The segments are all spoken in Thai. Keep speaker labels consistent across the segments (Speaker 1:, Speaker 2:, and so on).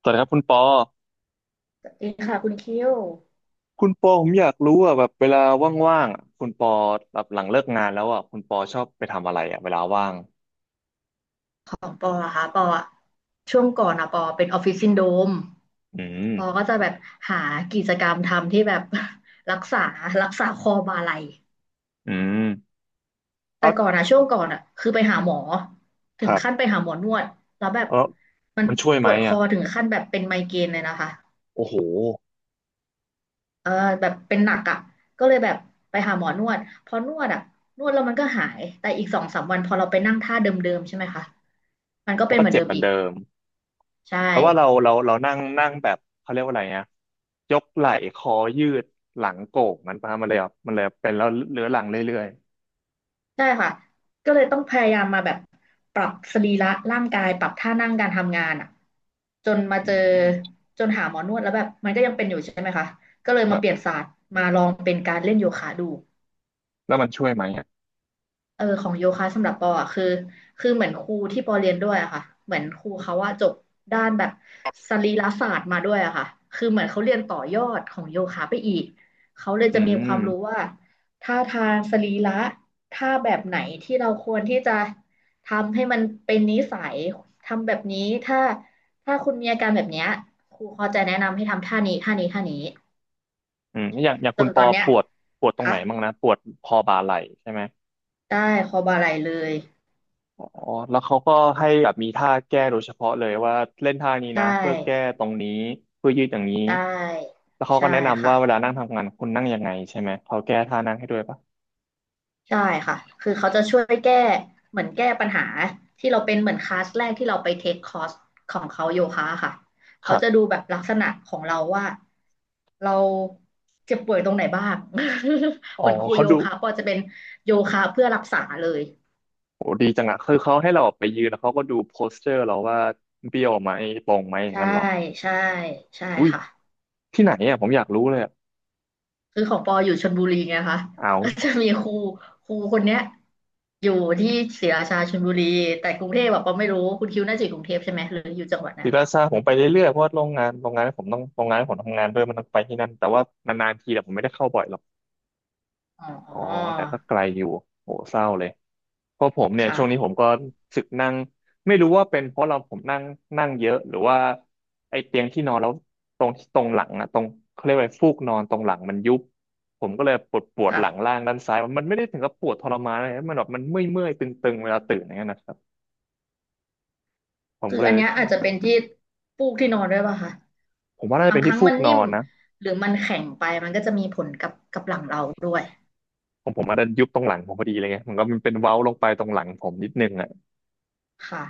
Speaker 1: สวัสดีครับคุณปอ
Speaker 2: สวัสดีค่ะคุณคิว
Speaker 1: คุณปอผมอยากรู้อ่ะแบบเวลาว่างๆอะคุณปอแบบหลังเลิกงานแล้วอ่ะคุณปอชอบไปทำอะไรอ่ะเวลาว่าง
Speaker 2: ของปออะค่ะปออะช่วงก่อนอะปอเป็นออฟฟิศซินโดรม
Speaker 1: อืม
Speaker 2: ปอก็จะแบบหากิจกรรมทำที่แบบ รักษารักษาคอบ่าไหล่
Speaker 1: อืม
Speaker 2: แต่
Speaker 1: เอา
Speaker 2: ก่อนอะช่วงก่อนอะคือไปหาหมอถึ
Speaker 1: ค
Speaker 2: ง
Speaker 1: รับ
Speaker 2: ขั้นไปหาหมอนวดแล้วแบบ
Speaker 1: เออ
Speaker 2: มัน
Speaker 1: มันช่วย
Speaker 2: ป
Speaker 1: ไหม
Speaker 2: วดค
Speaker 1: อ่ะ
Speaker 2: อถึงขั้นแบบเป็นไมเกรนเลยนะคะ
Speaker 1: โอ้โห
Speaker 2: เออแบบเป็นหนักอะก็เลยแบบไปหาหมอนวดพอนวดอะนวดแล้วมันก็หายแต่อีก2-3 วันพอเราไปนั่งท่าเดิมๆใช่ไหมคะมันก็
Speaker 1: มั
Speaker 2: เป็
Speaker 1: น
Speaker 2: น
Speaker 1: ก็
Speaker 2: เหมือน
Speaker 1: เจ็
Speaker 2: เดิ
Speaker 1: บ
Speaker 2: ม
Speaker 1: เหมือ
Speaker 2: อี
Speaker 1: น
Speaker 2: ก
Speaker 1: เดิม
Speaker 2: ใช่
Speaker 1: แต่ว่าเรานั่งนั่งแบบเขาเรียกว่าอะไรนะยกไหล่คอยืดหลังโก่งมันประมาณเลยอ่ะมันเลยเป็นแล้วเรื้อรังเรื่อย
Speaker 2: ใช่ค่ะ ก็เลยต้องพยายามมาแบบปรับสรีระร่างกายปรับท่านั่งการทำงานอ่ะจนมา
Speaker 1: ๆอื
Speaker 2: เจอ
Speaker 1: ม
Speaker 2: จนหาหมอนวดแล้วแบบมันก็ยังเป็นอยู่ใช่ไหมคะ ก็เลย
Speaker 1: ค
Speaker 2: มา
Speaker 1: รั
Speaker 2: เปลี่ยน
Speaker 1: บ
Speaker 2: ศาสตร์มาลองเป็นการเล่นโยคะดู
Speaker 1: แล้วมันช่วยไหมอ่ะ
Speaker 2: เออของโยคะสำหรับปออ่ะคือคือเหมือนครูที่ปอเรียนด้วยอะค่ะเหมือนครูเขาว่าจบด้านแบบสรีรศาสตร์มาด้วยอะค่ะคือเหมือนเขาเรียนต่อยอดของโยคะไปอีกเขาเลย
Speaker 1: อื
Speaker 2: จะมีความรู้
Speaker 1: ม
Speaker 2: ว่าท่าทางสรีระท่าแบบไหนที่เราควรที่จะทำให้มันเป็นนิสัยทำแบบนี้ถ้าถ้าคุณมีอาการแบบเนี้ยครูเขาจะแนะนำให้ทำท่านี้ท่านี้ท่านี้
Speaker 1: อย่าง
Speaker 2: จ
Speaker 1: คุณ
Speaker 2: น
Speaker 1: ป
Speaker 2: ตอ
Speaker 1: อ
Speaker 2: นเนี้ย
Speaker 1: ปวดปวดตรงไหน
Speaker 2: ค่ะ
Speaker 1: บ้างนะปวดคอบ่าไหล่ใช่ไหม
Speaker 2: ได้คอบาไหล่เลย
Speaker 1: อ๋อแล้วเขาก็ให้แบบมีท่าแก้โดยเฉพาะเลยว่าเล่นท่านี้
Speaker 2: ใช่
Speaker 1: นะเพื่อแก้ตรงนี้เพื่อยืดอย่างนี้
Speaker 2: ใช่
Speaker 1: แล้วเขาก็
Speaker 2: ใช่
Speaker 1: แนะนำ
Speaker 2: ค่ะ
Speaker 1: ว่าเวลานั่งทำงานคุณนั่งยังไงใช่ไหมเขาแก้ท่านั่งให้ด้วยปะ
Speaker 2: ใช่ค่ะคือเขาจะช่วยแก้เหมือนแก้ปัญหาที่เราเป็นเหมือนคลาสแรกที่เราไปเทคคอร์สของเขาโยคะค่ะ
Speaker 1: ค
Speaker 2: เขา
Speaker 1: รับ
Speaker 2: จะดูแบบลักษณะของเราว่าเราเจ็บป่วยตรงไหนบ้าง
Speaker 1: อ๋อ
Speaker 2: เหมือนครู
Speaker 1: เขา
Speaker 2: โย
Speaker 1: ดู
Speaker 2: คะก็จะเป็นโยคะเพื่อรักษาเลย
Speaker 1: โหดีจังอะคือเขาให้เราออกไปยืนแล้วเขาก็ดูโพสเจอร์เราว่าเบี้ยวไหมตรงไหมอย่าง
Speaker 2: ใช่
Speaker 1: นั้นหรอ
Speaker 2: ใช่ใช่
Speaker 1: อุ้ย
Speaker 2: ค่ะ
Speaker 1: ที่ไหนอะผมอยากรู้เลยอะ
Speaker 2: คือของปออยู่ชลบุรีไงคะ
Speaker 1: เอา
Speaker 2: ก็จะมีครูคนเนี้ยอยู่ที่ศรีราชาชลบุรีแต่กรุงเทพแบบปอไม่รู้คุณคิวน่าจะอยู่กรุงเทพใช่ไหมหรืออยู่จังหวัดไหน
Speaker 1: ศิลา
Speaker 2: คะ
Speaker 1: ซาผมไปเรื่อยๆเพราะว่าโรงงานที่ผมต้องโรงงานที่ผมทำงานด้วยมันต้องไปที่นั่นแต่ว่านานๆทีแต่ผมไม่ได้เข้าบ่อยหรอก
Speaker 2: อ๋
Speaker 1: อ๋อ
Speaker 2: อ
Speaker 1: แต่ก็ไกลอยู่โหเศร้าเลย เพราะผมเนี่ย
Speaker 2: ค่ะ
Speaker 1: ช่วงนี้ผมก็สึกนั่งไม่รู้ว่าเป็นเพราะเราผมนั่งนั่งเยอะหรือว่าไอ้เตียงที่นอนแล้วตรงหลังอะตรงเขาเรียกว่าฟูกนอนตรงหลังมันยุบผมก็เลยปวดปวด
Speaker 2: ค่ะ
Speaker 1: หลังล่างด้านซ้ายมันไม่ได้ถึงกับปวดทรมานอะไรนะมันแบบมันเมื่อยเมื่อยตึงๆเวลาตื่นอย่างเงี้ยนะครับผม
Speaker 2: คือ
Speaker 1: ก็เล
Speaker 2: อั
Speaker 1: ย
Speaker 2: นเนี้ยอาจจะเป็นที่ปูกที่นอนด้วยป่ะคะ
Speaker 1: ผมว่าน่าจะ
Speaker 2: บา
Speaker 1: เป็
Speaker 2: ง
Speaker 1: น
Speaker 2: ค
Speaker 1: ที่
Speaker 2: รั้ง
Speaker 1: ฟู
Speaker 2: มั
Speaker 1: ก
Speaker 2: น
Speaker 1: นอ
Speaker 2: นิ่ม
Speaker 1: นนะ
Speaker 2: หรือมันแข็งไปมันก็จะมีผลกับหลังเราด้วย
Speaker 1: ผมอาจจะยุบตรงหลังผมพอดีเลยไงมันก็มันเป็นเว้าลงไปตรงหลังผมนิดนึงอ่ะ
Speaker 2: ค่ะ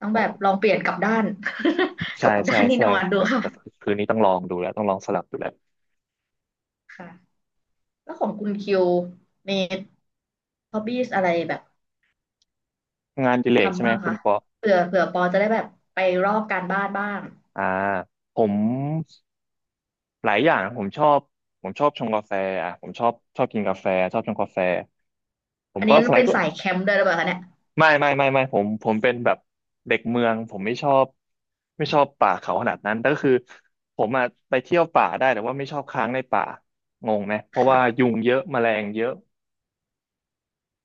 Speaker 2: ต้อง
Speaker 1: โอ
Speaker 2: แบบล
Speaker 1: ้
Speaker 2: องเปลี่ยนกลับด้าน ก
Speaker 1: ใช่
Speaker 2: ลับด้า
Speaker 1: ใช่
Speaker 2: นที่
Speaker 1: ใช่
Speaker 2: นอนดู
Speaker 1: เดี๋ยว
Speaker 2: ค่ะ
Speaker 1: เดี๋ยวคืนนี้ต้องลองดูแล้วต้องลองสลับดูแล้ว
Speaker 2: ค่ะแล้วของคุณคิวมีฮอบบี้อะไรแบบ
Speaker 1: งานอดิเรกใช่
Speaker 2: ทำ
Speaker 1: ไหม
Speaker 2: บ้าง
Speaker 1: คุณ
Speaker 2: คะ
Speaker 1: ปอ
Speaker 2: เผื่อปอจะได้แบบไปรอบการบ้านบ้าง
Speaker 1: อ่าผมหลายอย่างนะผมชอบผมชอบชงกาแฟอ่ะผมชอบชอบกินกาแฟชอบชงกาแฟผม
Speaker 2: อัน
Speaker 1: ก็
Speaker 2: นี้
Speaker 1: สมัย
Speaker 2: เป็น
Speaker 1: ก็
Speaker 2: สายแคมป์ด้วยหรือเปล่าคะเนี่ย
Speaker 1: ไม่ผมเป็นแบบเด็กเมืองผมไม่ชอบไม่ชอบป่าเขาขนาดนั้นแต่ก็คือผมอ่ะไปเที่ยวป่าได้แต่ว่าไม่ชอบค้างในป่างงไหมเพราะว่า
Speaker 2: ค่ะ
Speaker 1: ยุงเยอะแมลงเยอะ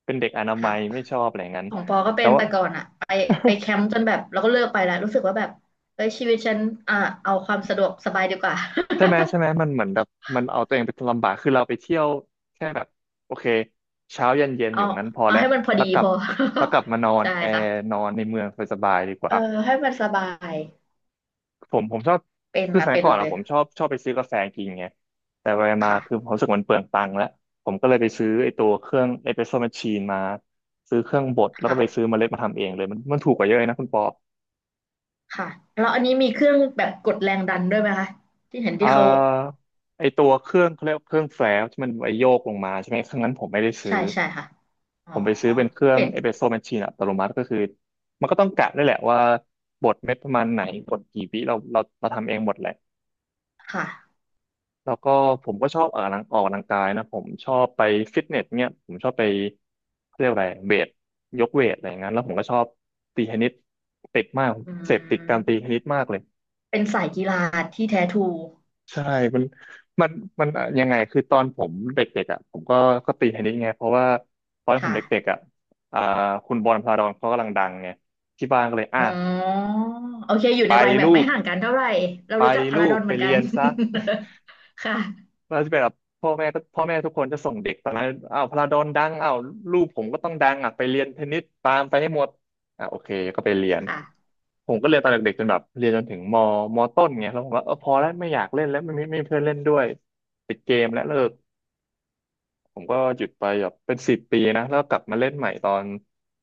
Speaker 1: เป็นเด็กอนา
Speaker 2: ค่ะ
Speaker 1: มัยไม่ชอบอะไรอย่างนั้น
Speaker 2: ของปอก็เป็
Speaker 1: แต่
Speaker 2: น
Speaker 1: ว่า
Speaker 2: แต่ก่อนอะไปไปแคมป์จนแบบเราก็เลิกไปแล้วรู้สึกว่าแบบเฮ้ยชีวิตฉันอ่ะเอาความสะดวกสบายดีกว่า
Speaker 1: ใช่ไหมมันเหมือนแบบมันเอาตัวเองไปลำบากคือเราไปเที่ยวแค่แบบโอเคเช้าเย็นเย็ นอ
Speaker 2: เอา
Speaker 1: ยู่นั้นพอ
Speaker 2: เอา
Speaker 1: แล้ว
Speaker 2: ให้มันพอ
Speaker 1: แล้
Speaker 2: ดี
Speaker 1: วกลั
Speaker 2: พ
Speaker 1: บ
Speaker 2: อ
Speaker 1: แล้วกลับมานอ น
Speaker 2: ใช่
Speaker 1: แอร์
Speaker 2: ค่ะ
Speaker 1: นอนในเมืองสบายๆดีก
Speaker 2: เอ
Speaker 1: ว่า
Speaker 2: อให้มันสบาย
Speaker 1: ผมชอบ
Speaker 2: เป็น
Speaker 1: คือส
Speaker 2: ค่ะ
Speaker 1: มัย
Speaker 2: เป็น
Speaker 1: ก่อน
Speaker 2: เล
Speaker 1: อะ
Speaker 2: ย
Speaker 1: ผมชอบชอบไปซื้อกาแฟกินไงแต่ไปมาคือผ
Speaker 2: ค่ะ
Speaker 1: มรู้สึกมันเปลืองตังค์แล้วผมก็เลยไปซื้อไอ้ตัวเครื่องเอสเปรสโซ่แมชชีนมาซื้อเครื่องบดแล้วก็ไปซื้อ
Speaker 2: ค่ะ
Speaker 1: เมล็ดมาทำเองเลยมันมันถูกกว่าเยอะเลยนะคุณปอ
Speaker 2: ค่ะแล้วอันนี้มีเครื่องแบบกดแรงดันด้วยไหมคะที่เห็น
Speaker 1: อ่
Speaker 2: ที่เขา
Speaker 1: าไอ้ตัวเครื่องเขาเรียกว่าเครื่องแฟลชที่มันไว้โยกลงมาใช่ไหมเครื่องนั้นผมไม่ได้
Speaker 2: ใช่
Speaker 1: ซื้อ
Speaker 2: ใช่ค่ะ อ๋
Speaker 1: ผ
Speaker 2: อ
Speaker 1: มไปซื้อเป็นเครื่อง
Speaker 2: เห็น
Speaker 1: เอสเปรสโซ่แมชชีนอัตโนมัติก็คือมันก็ต้องกะได้วยแหละว่าบดเม็ดประมาณไหนบดกี่วิเราทำเองหมดแหละ
Speaker 2: ค่ะ
Speaker 1: แล้วก็ผมก็ชอบออกกำลังออกกำลังกายนะผมชอบไปฟิตเนสเนี่ยผมชอบไปเขาเรียกอะไรเวทยกเวทอะไรอย่างนั้นแล้วผมก็ชอบตีเทนนิสติดมาก
Speaker 2: อื
Speaker 1: เสพติดการตีเทนนิ
Speaker 2: ม
Speaker 1: สมากเลย
Speaker 2: เป็นสายกีฬาที่แท้ทรู
Speaker 1: ใช่มันมันมันอะยังไงคือตอนผมเด็กๆอ่ะผมก็ตีเทนนิสไงเพราะว่าตอนผมเด็ก
Speaker 2: ค่ะ
Speaker 1: ๆอ่ะอ่าคุณบอลพาราดอนเขากำลังดังไงที่บ้านก็เลยอ่ะ
Speaker 2: อ๋อโอเคอยู่
Speaker 1: ไป
Speaker 2: ในวัยแบ
Speaker 1: ลู
Speaker 2: บไม่
Speaker 1: ก
Speaker 2: ห่างกันเท่าไหร่เรา
Speaker 1: ไป
Speaker 2: รู้จักพา
Speaker 1: ลู
Speaker 2: ราดอ
Speaker 1: ก
Speaker 2: น
Speaker 1: ไป
Speaker 2: เหมือนกั
Speaker 1: เรี
Speaker 2: น
Speaker 1: ยนซะ
Speaker 2: ค่ะ
Speaker 1: แล้วที่แบบพ่อแม่ทุกคนจะส่งเด็กตอนนั้นอ้าวพาราดอนดังอ้าวลูกผมก็ต้องดังอ่ะไปเรียนเทนนิสตามไปให้หมดอ่ะโอเคก็ไปเรียน
Speaker 2: ค่ะ
Speaker 1: ผมก็เรียนตอนเด็กๆจนแบบเรียนจนถึงมต้นไงแล้วผมว่าเออพอแล้วไม่อยากเล่นแล้วไม่มีเพื่อนเล่นด้วยปิดเกมและเลิก ผมก็หยุดไปแบบเป็นสิบปีนะแล้วกลับมาเล่นใหม่ตอน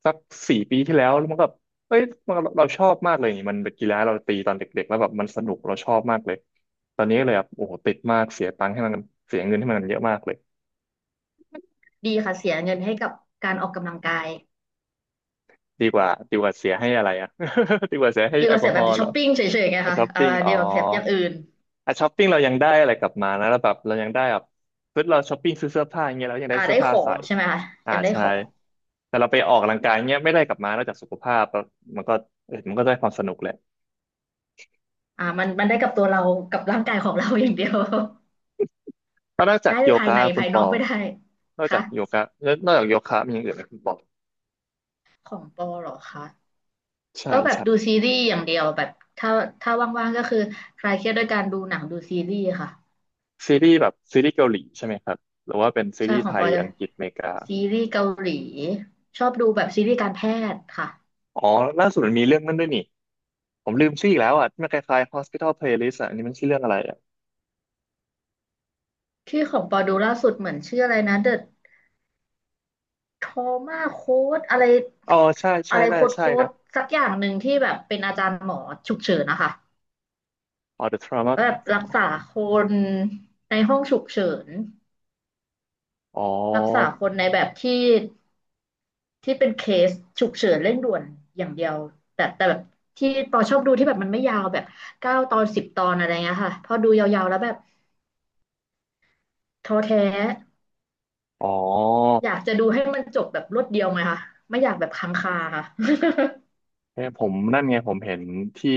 Speaker 1: สักสี่ปีที่แล้วแล้วมันก็เอ้ยมันเราชอบมากเลยนี่มันเป็นกีฬาเราตีตอนเด็กๆแล้วแบบมันสนุกเราชอบมากเลยตอนนี้ก็เลยแบบโอ้โหติดมากเสียตังค์ให้มันเสียเงินให้มันเยอะมากเลย
Speaker 2: ดีค่ะเสียเงินให้กับการออกกำลังกาย
Speaker 1: ดีกว่าเสียให้อะไรอ่ะ ดีกว่าเสียให้
Speaker 2: ดี
Speaker 1: แอ
Speaker 2: ก
Speaker 1: ล
Speaker 2: ว่า
Speaker 1: กอ
Speaker 2: เสีย
Speaker 1: ฮ
Speaker 2: แบ
Speaker 1: อ
Speaker 2: บ
Speaker 1: ล์เหร
Speaker 2: ช้อ
Speaker 1: อ
Speaker 2: ปปิ้งเฉยๆไง
Speaker 1: อ่ะ
Speaker 2: คะ
Speaker 1: ช้อป
Speaker 2: อ่า
Speaker 1: ปิ้งอ๋อ
Speaker 2: ดีกว่าเสียอย่างอื่น
Speaker 1: อ่ะช้อปปิ้งเรายังได้อะไรกลับมานะแล้วแบบเรายังได้แบบเราช้อปปิ้งซื้อเสื้อผ้าอย่างเงี้ยเรายังได้
Speaker 2: อ่า
Speaker 1: เสื้
Speaker 2: ได้
Speaker 1: อ
Speaker 2: ข
Speaker 1: ผ้า
Speaker 2: อ
Speaker 1: ใส่
Speaker 2: งใช่ไหมคะ
Speaker 1: อ่า
Speaker 2: ยังได้
Speaker 1: ใช่
Speaker 2: ของ
Speaker 1: แต่เราไปออกกำลังกายเงี้ยไม่ได้กลับมานอกจากสุขภาพแล้วมันก็เออมันก็ได้ความสนุกแหละ
Speaker 2: อ่ามันมันได้กับตัวเรากับร่างกายของเรา อย่างเดียว
Speaker 1: แล้วนอก จาก
Speaker 2: ได้
Speaker 1: โย
Speaker 2: ภาย
Speaker 1: คะ
Speaker 2: ใน
Speaker 1: คุ
Speaker 2: ภา
Speaker 1: ณ
Speaker 2: ย
Speaker 1: ป
Speaker 2: นอ
Speaker 1: อ
Speaker 2: กไม่ได้
Speaker 1: นอกจา
Speaker 2: ค่ะ
Speaker 1: กโยคะแล้วนอกจากโยคะมีอย่างอื่นไหมคุณปอ
Speaker 2: ของปอเหรอคะ
Speaker 1: ใช่
Speaker 2: ก็แบบ
Speaker 1: ใช่
Speaker 2: ดูซีรีส์อย่างเดียวแบบถ้าถ้าว่างๆก็คือคลายเครียดด้วยการดูหนังดูซีรีส์ค่ะ
Speaker 1: ซีรีส์แบบซีรีส์เกาหลีใช่ไหมครับหรือว่าเป็นซี
Speaker 2: ใช่
Speaker 1: รีส์
Speaker 2: ขอ
Speaker 1: ไท
Speaker 2: งป
Speaker 1: ย
Speaker 2: อจะ
Speaker 1: อังกฤษอเมริกา
Speaker 2: ซีรีส์เกาหลีชอบดูแบบซีรีส์การแพทย์ค่ะ
Speaker 1: อ๋อล่าสุดมันมีเรื่องนั้นด้วยนี่ ผมลืมชื่ออีกแล้วอ่ะที่มันคล้ายๆ Hospital Playlist อ่ะอันนี้มันชื่อเรื่องอะไรอ่ะ
Speaker 2: ที่ของปอดูล่าสุดเหมือนชื่ออะไรนะ The Trauma Code อะไร
Speaker 1: อ๋อใช่
Speaker 2: อะ
Speaker 1: ใช่
Speaker 2: ไร
Speaker 1: น่า
Speaker 2: โค้
Speaker 1: จะ
Speaker 2: ด
Speaker 1: ใช่
Speaker 2: โค้
Speaker 1: นะ
Speaker 2: ดสักอย่างหนึ่งที่แบบเป็นอาจารย์หมอฉุกเฉินนะคะ
Speaker 1: อ๋อ The Trauma
Speaker 2: แล้วแบบรักษาคนในห้องฉุกเฉิน
Speaker 1: อ๋อ
Speaker 2: รักษาคนในแบบที่เป็นเคสฉุกเฉินเร่งด่วนอย่างเดียวแต่แบบที่ปอชอบดูที่แบบมันไม่ยาวแบบ9 ตอน 10 ตอนอะไรเงี้ยค่ะพอดูยาวๆแล้วแบบท้อแท้
Speaker 1: อ๋อ
Speaker 2: อยากจะดูให้มันจบแบบรวดเดียวไงคะไม่อยากแบบค้างคาค่ะ
Speaker 1: เนี่ยผมนั่นไงผมเห็นที่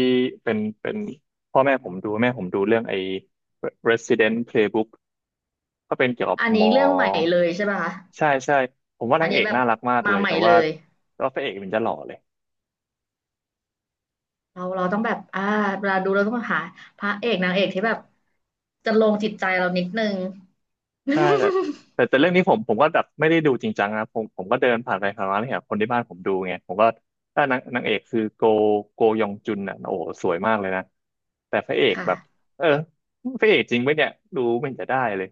Speaker 1: เป็นพ่อแม่ผมดูแม่ผมดูเรื่องไอ้ Resident Playbook ก็เป็นเกี่ยวกับ
Speaker 2: อัน
Speaker 1: หม
Speaker 2: นี้
Speaker 1: อ
Speaker 2: เรื่องใหม่เลยใช่ป่ะคะ
Speaker 1: ใช่ใช่ผมว่า
Speaker 2: อั
Speaker 1: นา
Speaker 2: น
Speaker 1: งเอ
Speaker 2: นี้
Speaker 1: ก
Speaker 2: แบบ
Speaker 1: น่ารักมากเล
Speaker 2: มา
Speaker 1: ย
Speaker 2: ใหม่
Speaker 1: แต่
Speaker 2: เล
Speaker 1: ว่า
Speaker 2: ย
Speaker 1: พระเอกมันจะหล่อเลย
Speaker 2: เราต้องแบบอ่าเวลาดูเราต้องหาพระเอกนางเอกที่แบบจะลงจิตใจเรานิดนึง
Speaker 1: ใช่แต่เรื่องนี้ผมก็แบบไม่ได้ดูจริงจังนะผมก็เดินผ่านไปผ่านมาเนี่ยคนที่บ้านผมดูไงผมก็ถ้านางเอกคือโกยองจุนอ่ะโอ้โหสวยมากเลยนะแต่พระเอกแบบ
Speaker 2: ค่ะ
Speaker 1: เออพระเอกจริงไหมเนี่ยดูไม่เห็นจะได้เลย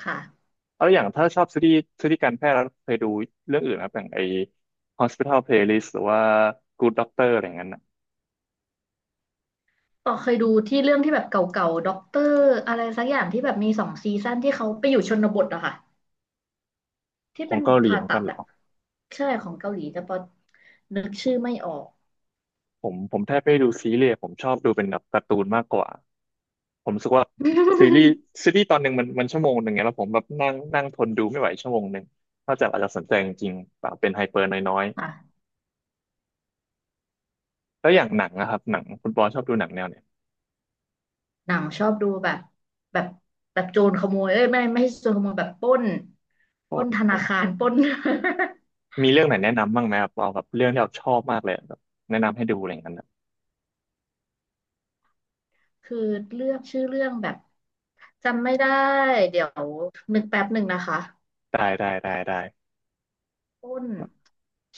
Speaker 2: ค่ะ
Speaker 1: แล้วอย่างถ้าชอบซีรีส์การแพทย์แล้วเคยดูเรื่องอื่นนะครับอย่างไอ้ Hospital Playlist หรือว่า Good Doctor อะไรอย่างนั้นน่ะ
Speaker 2: ต่อเคยดูที่เรื่องที่แบบเก่าๆด็อกเตอร์อะไรสักอย่างที่แบบมี2 ซีซั่นที่เขาไปอยู่ชนบทอะค่ะที่
Speaker 1: ขอ
Speaker 2: เป็น
Speaker 1: ง
Speaker 2: หม
Speaker 1: เกา
Speaker 2: อ
Speaker 1: หลี
Speaker 2: ผ่า
Speaker 1: เหมือน
Speaker 2: ตั
Speaker 1: กั
Speaker 2: ด
Speaker 1: นเหร
Speaker 2: อะ
Speaker 1: อ
Speaker 2: ใช่ของเกาหลีแต่พอนึกชื่อไม่ออก
Speaker 1: ผมแทบไม่ได้ดูซีรีส์ผมชอบดูเป็นแบบการ์ตูนมากกว่า ผมรู้สึกว่าซีรีส์ซีรีส์ตอนหนึ่งมันชั่วโมงหนึ่งไงแล้วผมแบบนั่งนั่งทนดูไม่ไหวชั่วโมงหนึ่งนอกจากอาจจะสนใจจริงๆเปล่าเป็นไฮเปอร์น้อย
Speaker 2: ค่ะ
Speaker 1: ๆแล้วอย่างหนังนะครับหนังคุณปอชอบดูหนังแนวเนี่ย
Speaker 2: หนังชอบดูแบบแบบแบบโจรขโมยเอ้ยไม่ใช่โจรขโมยแบบปล้น
Speaker 1: โค
Speaker 2: ปล้
Speaker 1: ต
Speaker 2: นธนา
Speaker 1: ร
Speaker 2: คารปล้น
Speaker 1: มีเรื่องไหนแนะนำบ้างไหมครับเอาแบบเรื่องที่เราชอบมากเลยแบบแนะนำให้ดูอะไรอย่างนั้นนะ
Speaker 2: คือเลือกชื่อเรื่องแบบจำไม่ได้เดี๋ยวนึกแป๊บหนึ่งนะคะ
Speaker 1: ได้ได้ได้ได้
Speaker 2: ปล้น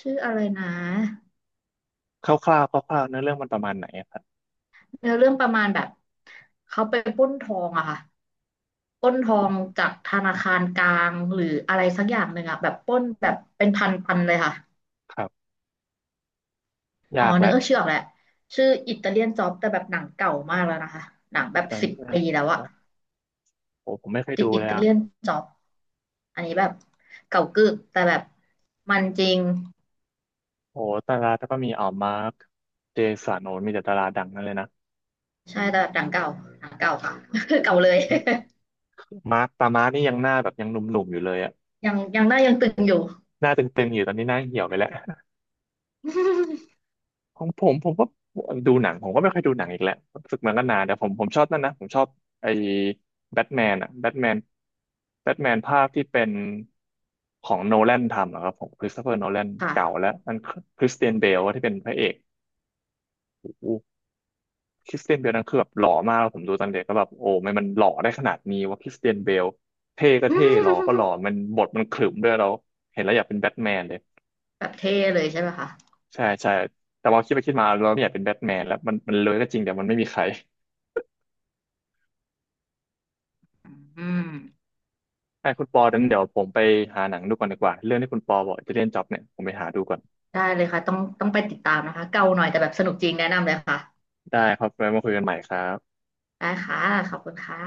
Speaker 2: ชื่ออะไรนะ
Speaker 1: คร่าวๆคร่าวๆเนื้อเรื่องมันประมาณไหนอะครับ
Speaker 2: เนื้อเรื่องประมาณแบบเขาไปปล้นทองอะค่ะปล้นทองจากธนาคารกลางหรืออะไรสักอย่างหนึ่งอะแบบปล้นแบบเป็นพันพันเลยค่ะ
Speaker 1: ครับ
Speaker 2: อ๋
Speaker 1: ยา
Speaker 2: อ
Speaker 1: ก
Speaker 2: นึ
Speaker 1: แล้
Speaker 2: ก
Speaker 1: ว
Speaker 2: เออชื่อออกแหละชื่ออิตาเลียนจ็อบแต่แบบหนังเก่ามากแล้วนะคะหนังแบ
Speaker 1: สุด
Speaker 2: บ
Speaker 1: ท้าย
Speaker 2: สิบ
Speaker 1: เรื่อง
Speaker 2: ปีแล้วอะ
Speaker 1: โอ้ผมไม่เคย
Speaker 2: ติด
Speaker 1: ดู
Speaker 2: อิ
Speaker 1: เลย
Speaker 2: ตา
Speaker 1: อะ
Speaker 2: เลียนจ็อบอันนี้แบบเก่ากึกแต่แบบมันจริง
Speaker 1: โอ้ดาราแต่ก็มีอ๋อมาร์คเจสันโอ้มีแต่ดาราดังนั่นเลยนะ
Speaker 2: ใช่แต่แบบหนังเก่าหนังเก่าค่ะ เก่าเลย
Speaker 1: มาร์คตามาร์คนี่ยังหน้าแบบยังหนุ่มๆอยู่เลยอะ
Speaker 2: ยังหน้ายังตึงอยู่
Speaker 1: หน้าเตึงๆอยู่ตอนนี้หน้าเหี่ยวไปแล้ว ของผมก็ดูหนังผมก็ไม่ค่อยดูหนังอีกแล้วรู้สึกมันก็นานแต่ผมชอบนั่นนะ ผมชอบไอ้แบทแมนอะแบทแมนแบทแมนภาคที่เป็นของโนแลนทำอะครับผมคริสโตเฟอร์โนแลน
Speaker 2: ค่ะ
Speaker 1: เก่าแล้วมันคริสเตียนเบลที่เป็นพระเอกโอ้โหคริสเตียนเบลนั่นคือแบบหล่อมากแล้วผมดูตอนเด็กก็แบบโอ้ไม่มันหล่อได้ขนาดนี้ว่าคริสเตียนเบลเท่ก็เท่หล่อก็หล่ อมันบทมันขรึมด้วยเราเห็นแล้วอยากเป็นแบทแมนเลย
Speaker 2: แบบเท่เลยใช่ไหมคะ
Speaker 1: ใช่ใช่แต่ว่าคิดไปคิดมาเราไม่อยากเป็นแบทแมนแล้วมันเลยก็จริงแต่มันไม่มีใคร
Speaker 2: อืม
Speaker 1: ให้คุณปอนั้นเดี๋ยวผมไปหาหนังดูก่อนดีกว่าเรื่องที่คุณปอบอกจะเล่นจ็อบเนี่ยผมไปหาดูก่อน
Speaker 2: ได้เลยค่ะต้องไปติดตามนะคะเก่าหน่อยแต่แบบสนุกจริงแนะนำเลยค่ะ
Speaker 1: ได้ครับไว้มาคุยกันใหม่ครับ
Speaker 2: ได้ค่ะขอบคุณค่ะ